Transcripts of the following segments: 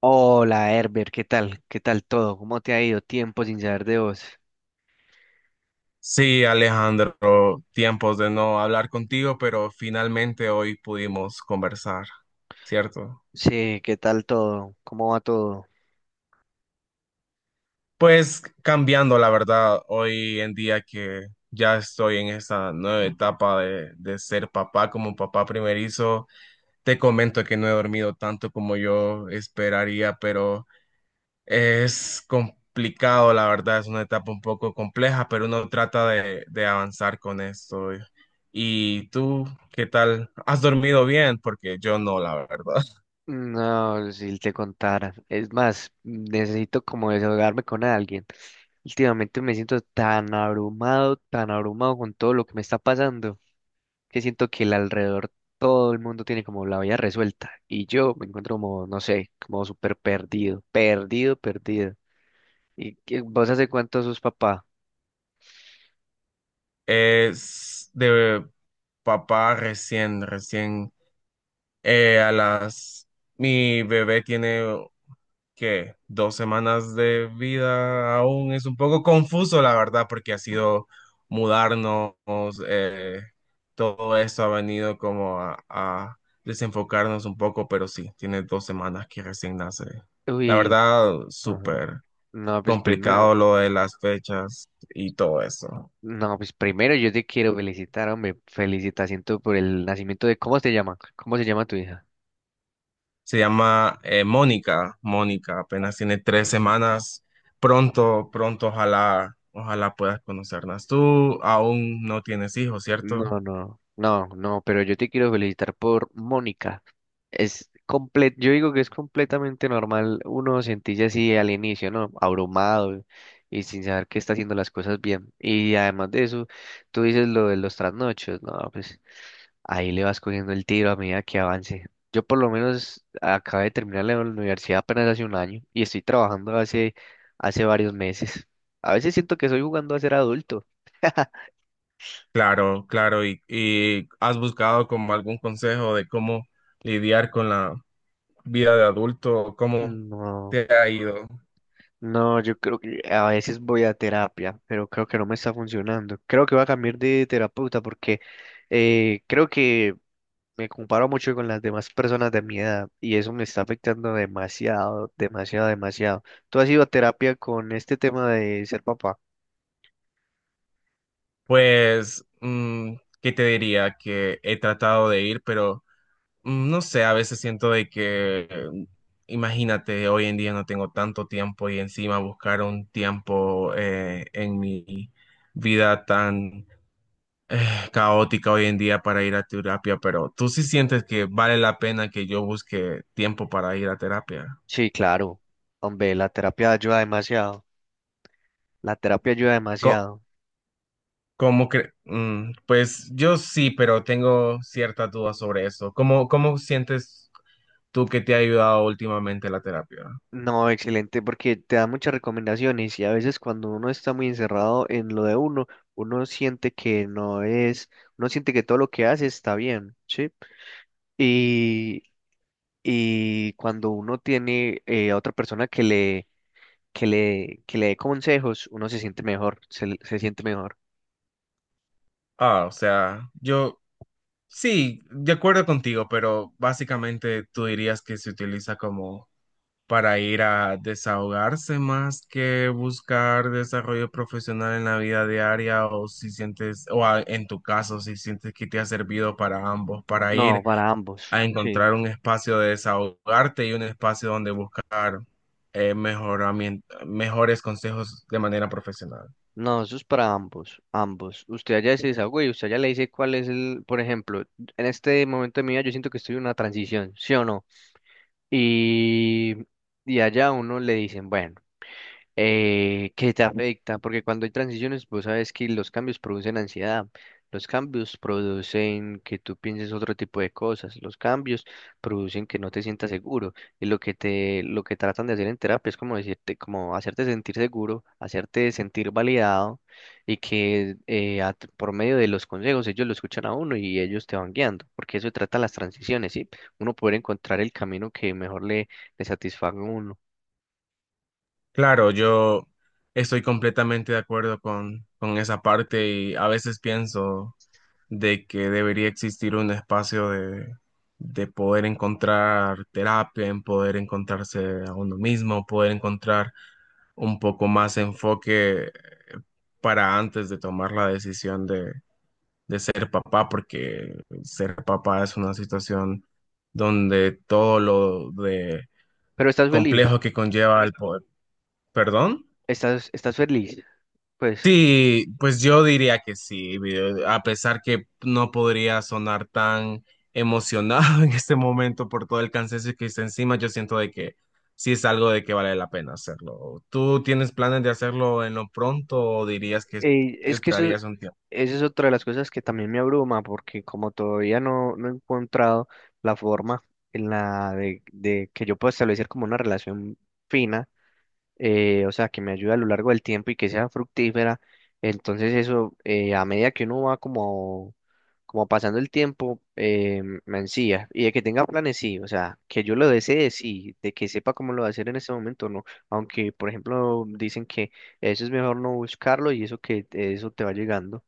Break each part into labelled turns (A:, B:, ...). A: Hola Herbert, ¿qué tal? ¿Qué tal todo? ¿Cómo te ha ido? Tiempo sin saber de vos.
B: Sí, Alejandro, tiempos de no hablar contigo, pero finalmente hoy pudimos conversar, ¿cierto?
A: Sí, ¿qué tal todo? ¿Cómo va todo?
B: Pues cambiando, la verdad, hoy en día que ya estoy en esta nueva etapa de ser papá como papá primerizo, te comento que no he dormido tanto como yo esperaría, pero es complicado, la verdad, es una etapa un poco compleja, pero uno trata de avanzar con esto. ¿Y tú qué tal? ¿Has dormido bien? Porque yo no, la verdad.
A: No, si te contara. Es más, necesito como desahogarme con alguien. Últimamente me siento tan abrumado con todo lo que me está pasando, que siento que el alrededor todo el mundo tiene como la vida resuelta y yo me encuentro como, no sé, como súper perdido, perdido, perdido. ¿Y vos hace cuánto sos papá?
B: Es de papá recién, a las... Mi bebé tiene que dos semanas de vida, aún es un poco confuso, la verdad, porque ha sido mudarnos, eh, todo esto ha venido como a desenfocarnos un poco, pero sí, tiene dos semanas que recién nace. La
A: Uy,
B: verdad,
A: ajá.
B: súper
A: No, pues primero,
B: complicado lo de las fechas y todo eso.
A: no, pues primero yo te quiero felicitar, hombre. Felicitación tú por el nacimiento de, ¿cómo se llama? ¿Cómo se llama tu hija?
B: Se llama Mónica. Mónica apenas tiene tres semanas. Pronto, pronto, ojalá, ojalá puedas conocerlas. Tú aún no tienes hijos, ¿cierto?
A: No, no, no, no, pero yo te quiero felicitar por Mónica. Es comple Yo digo que es completamente normal uno sentirse así al inicio, ¿no? Abrumado y sin saber que está haciendo las cosas bien. Y además de eso, tú dices lo de los trasnochos, no, pues. Ahí le vas cogiendo el tiro a medida que avance. Yo por lo menos acabé de terminar la universidad apenas hace un año y estoy trabajando hace varios meses. A veces siento que estoy jugando a ser adulto.
B: Claro, claro. ¿Y has buscado como algún consejo de cómo lidiar con la vida de adulto? ¿Cómo
A: No,
B: te ha ido?
A: no, yo creo que a veces voy a terapia, pero creo que no me está funcionando. Creo que voy a cambiar de terapeuta porque creo que me comparo mucho con las demás personas de mi edad y eso me está afectando demasiado, demasiado, demasiado. ¿Tú has ido a terapia con este tema de ser papá?
B: Pues, mm, ¿qué te diría? Que he tratado de ir, pero mm, no sé, a veces siento de que, imagínate, hoy en día no tengo tanto tiempo y encima buscar un tiempo en mi vida tan eh, caótica hoy en día para ir a terapia, pero tú sí sientes que vale la pena que yo busque tiempo para ir a terapia.
A: Sí, claro. Hombre, la terapia ayuda demasiado. La terapia ayuda
B: Co-
A: demasiado.
B: ¿Cómo pues yo sí, pero tengo ciertas dudas sobre eso? ¿Cómo, cómo sientes tú que te ha ayudado últimamente la terapia?
A: No, excelente, porque te da muchas recomendaciones y a veces cuando uno está muy encerrado en lo de uno, uno siente que no es, uno siente que todo lo que hace está bien, ¿sí? Y, y cuando uno tiene a otra persona que le dé consejos, uno se siente mejor, se siente mejor.
B: Ah, o sea, yo... Sí, de acuerdo contigo, pero básicamente tú dirías que se utiliza como para ir a desahogarse más que buscar desarrollo profesional en la vida diaria, o si sientes, o en tu caso, si sientes que te ha servido para ambos, para
A: No,
B: ir
A: para ambos,
B: a
A: sí.
B: encontrar un espacio de desahogarte y un espacio donde buscar mejores consejos de manera profesional.
A: No, eso es para ambos, ambos. Usted allá se desahogó y usted allá le dice cuál es el, por ejemplo, en este momento de mi vida yo siento que estoy en una transición, ¿sí o no? Y, y allá a uno le dicen, bueno que te afecta, porque cuando hay transiciones, pues sabes que los cambios producen ansiedad, los cambios producen que tú pienses otro tipo de cosas, los cambios producen que no te sientas seguro, y lo que te, lo que tratan de hacer en terapia es como decirte, como hacerte sentir seguro, hacerte sentir validado, y que por medio de los consejos ellos lo escuchan a uno y ellos te van guiando, porque eso trata las transiciones, ¿sí? Uno poder encontrar el camino que mejor le satisfaga a uno.
B: Claro, yo estoy completamente de acuerdo con esa parte y a veces pienso de que debería existir un espacio de poder encontrar terapia, en poder encontrarse a uno mismo, poder encontrar un poco más enfoque para antes de tomar la decisión de ser papá, porque ser papá es una situación donde todo lo de
A: Pero estás feliz.
B: complejo que conlleva el poder. ¿Perdón?
A: Estás feliz. Pues
B: Sí, pues yo diría que sí, a pesar que no podría sonar tan emocionado en este momento por todo el cansancio que está encima, yo siento de que sí es algo de que vale la pena hacerlo. ¿Tú tienes planes de hacerlo en lo pronto o dirías que
A: eh, es que eso,
B: esperarías un tiempo?
A: esa es otra de las cosas que también me abruma, porque como todavía no he encontrado la forma en de que yo pueda establecer como una relación fina. O sea, que me ayude a lo largo del tiempo y que sea fructífera. Entonces eso, a medida que uno va como pasando el tiempo, me ansía. Y de que tenga planes, sí, o sea, que yo lo desee, sí, de que sepa cómo lo va a hacer en ese momento, no. Aunque, por ejemplo, dicen que eso es mejor no buscarlo y eso que eso te va llegando,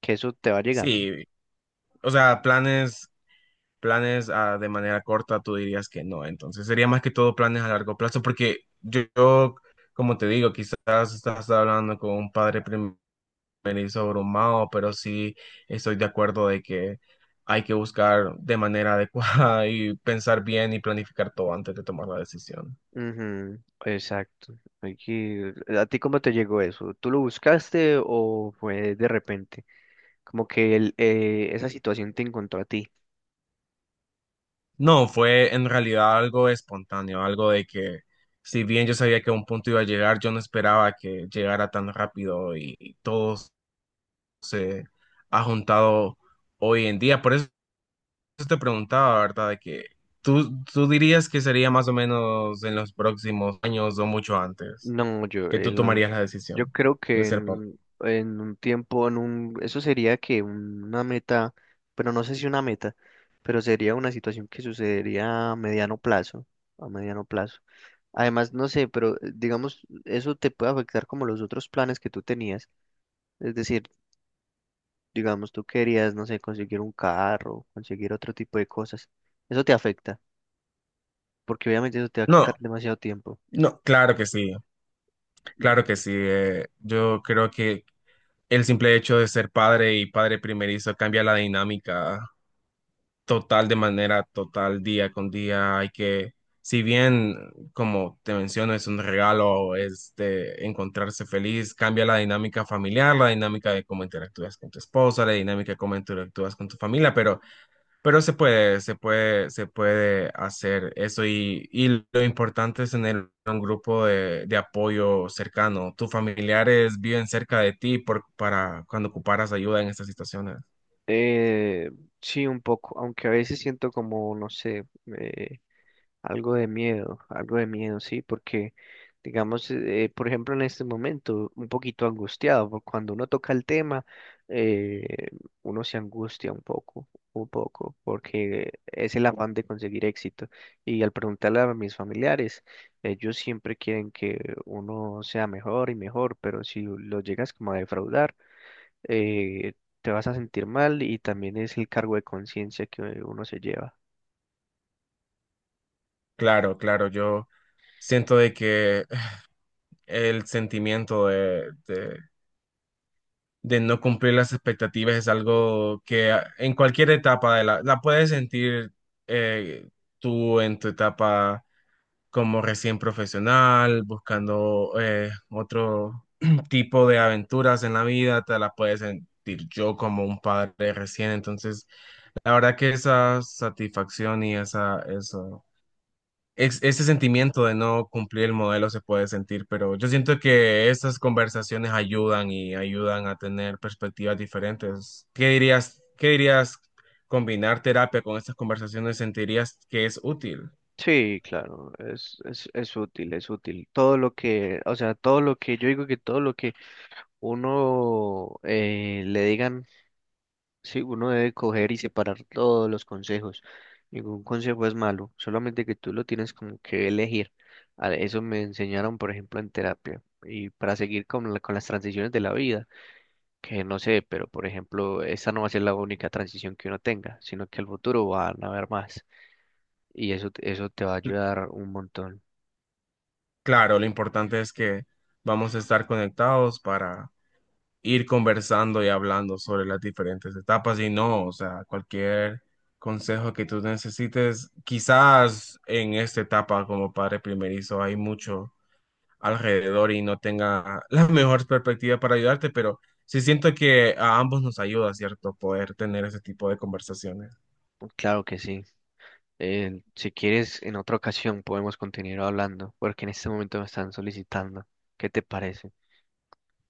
A: que eso te va llegando.
B: Sí, o sea, planes, planes ah, de manera corta, tú dirías que no, entonces sería más que todo planes a largo plazo, porque yo, como te digo, quizás estás hablando con un padre primerizo venir sobrehumano, pero sí estoy de acuerdo de que hay que buscar de manera adecuada y pensar bien y planificar todo antes de tomar la decisión.
A: Ujú, exacto. ¿A ti cómo te llegó eso? ¿Tú lo buscaste o fue de repente? Como que él, esa situación te encontró a ti.
B: No, fue en realidad algo espontáneo, algo de que si bien yo sabía que a un punto iba a llegar, yo no esperaba que llegara tan rápido y todo se ha juntado hoy en día. Por eso eso te preguntaba, ¿verdad? De que tú dirías que sería más o menos en los próximos años o mucho antes
A: No, yo,
B: que tú
A: él no-
B: tomarías la
A: Yo
B: decisión
A: creo
B: de
A: que
B: ser papá.
A: en un tiempo, eso sería una meta, pero no sé si una meta, pero sería una situación que sucedería a mediano plazo, a mediano plazo. Además, no sé, pero digamos, eso te puede afectar como los otros planes que tú tenías. Es decir, digamos, tú querías, no sé, conseguir un carro, conseguir otro tipo de cosas. Eso te afecta, porque obviamente eso te va a
B: No,
A: quitar demasiado tiempo.
B: no, claro que sí, claro que sí. Yo creo que el simple hecho de ser padre y padre primerizo cambia la dinámica total de manera total día con día. Hay que, si bien, como te menciono, es un regalo, es de encontrarse feliz, cambia la dinámica familiar, la dinámica de cómo interactúas con tu esposa, la dinámica de cómo interactúas con tu familia, pero, pero se puede hacer eso y lo importante es tener un grupo de apoyo cercano. Tus familiares viven cerca de ti por, para cuando ocuparas ayuda en estas situaciones.
A: Eh, sí, un poco, aunque a veces siento como, no sé, eh, algo de miedo, sí, porque, digamos, por ejemplo, en este momento, un poquito angustiado, porque cuando uno toca el tema, eh, uno se angustia un poco, porque es el afán de conseguir éxito. Y al preguntarle a mis familiares, ellos siempre quieren que uno sea mejor y mejor, pero si lo llegas como a defraudar, eh, te vas a sentir mal y también es el cargo de conciencia que uno se lleva.
B: Claro, claro, yo siento de que el sentimiento de no cumplir las expectativas es algo que en cualquier etapa de la, la puedes sentir eh, tú en tu etapa como recién profesional, buscando otro tipo de aventuras en la vida, te la puedes sentir yo como un padre recién, entonces la verdad que esa satisfacción y esa, eso ese sentimiento de no cumplir el modelo se puede sentir, pero yo siento que estas conversaciones ayudan y ayudan a tener perspectivas diferentes. Qué dirías combinar terapia con estas conversaciones? ¿Sentirías que es útil?
A: Sí, claro, es útil, es útil. O sea, yo digo que todo lo que uno le digan, sí, uno debe coger y separar todos los consejos. Ningún consejo es malo, solamente que tú lo tienes como que elegir. Eso me enseñaron, por ejemplo, en terapia y para seguir con las transiciones de la vida. Que no sé, pero por ejemplo, esta no va a ser la única transición que uno tenga, sino que al futuro van a haber más y eso te va a ayudar un montón.
B: Claro, lo importante es que vamos a estar conectados para ir conversando y hablando sobre las diferentes etapas y no, o sea, cualquier consejo que tú necesites, quizás en esta etapa como padre primerizo hay mucho alrededor y no tenga la mejor perspectiva para ayudarte, pero sí siento que a ambos nos ayuda, ¿cierto? Poder tener ese tipo de conversaciones.
A: Claro que sí. Si quieres, en otra ocasión podemos continuar hablando, porque en este momento me están solicitando. ¿Qué te parece?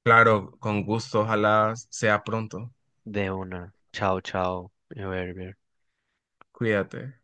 B: Claro, con gusto, ojalá sea pronto.
A: De una. Chao, chao. Berber.
B: Cuídate.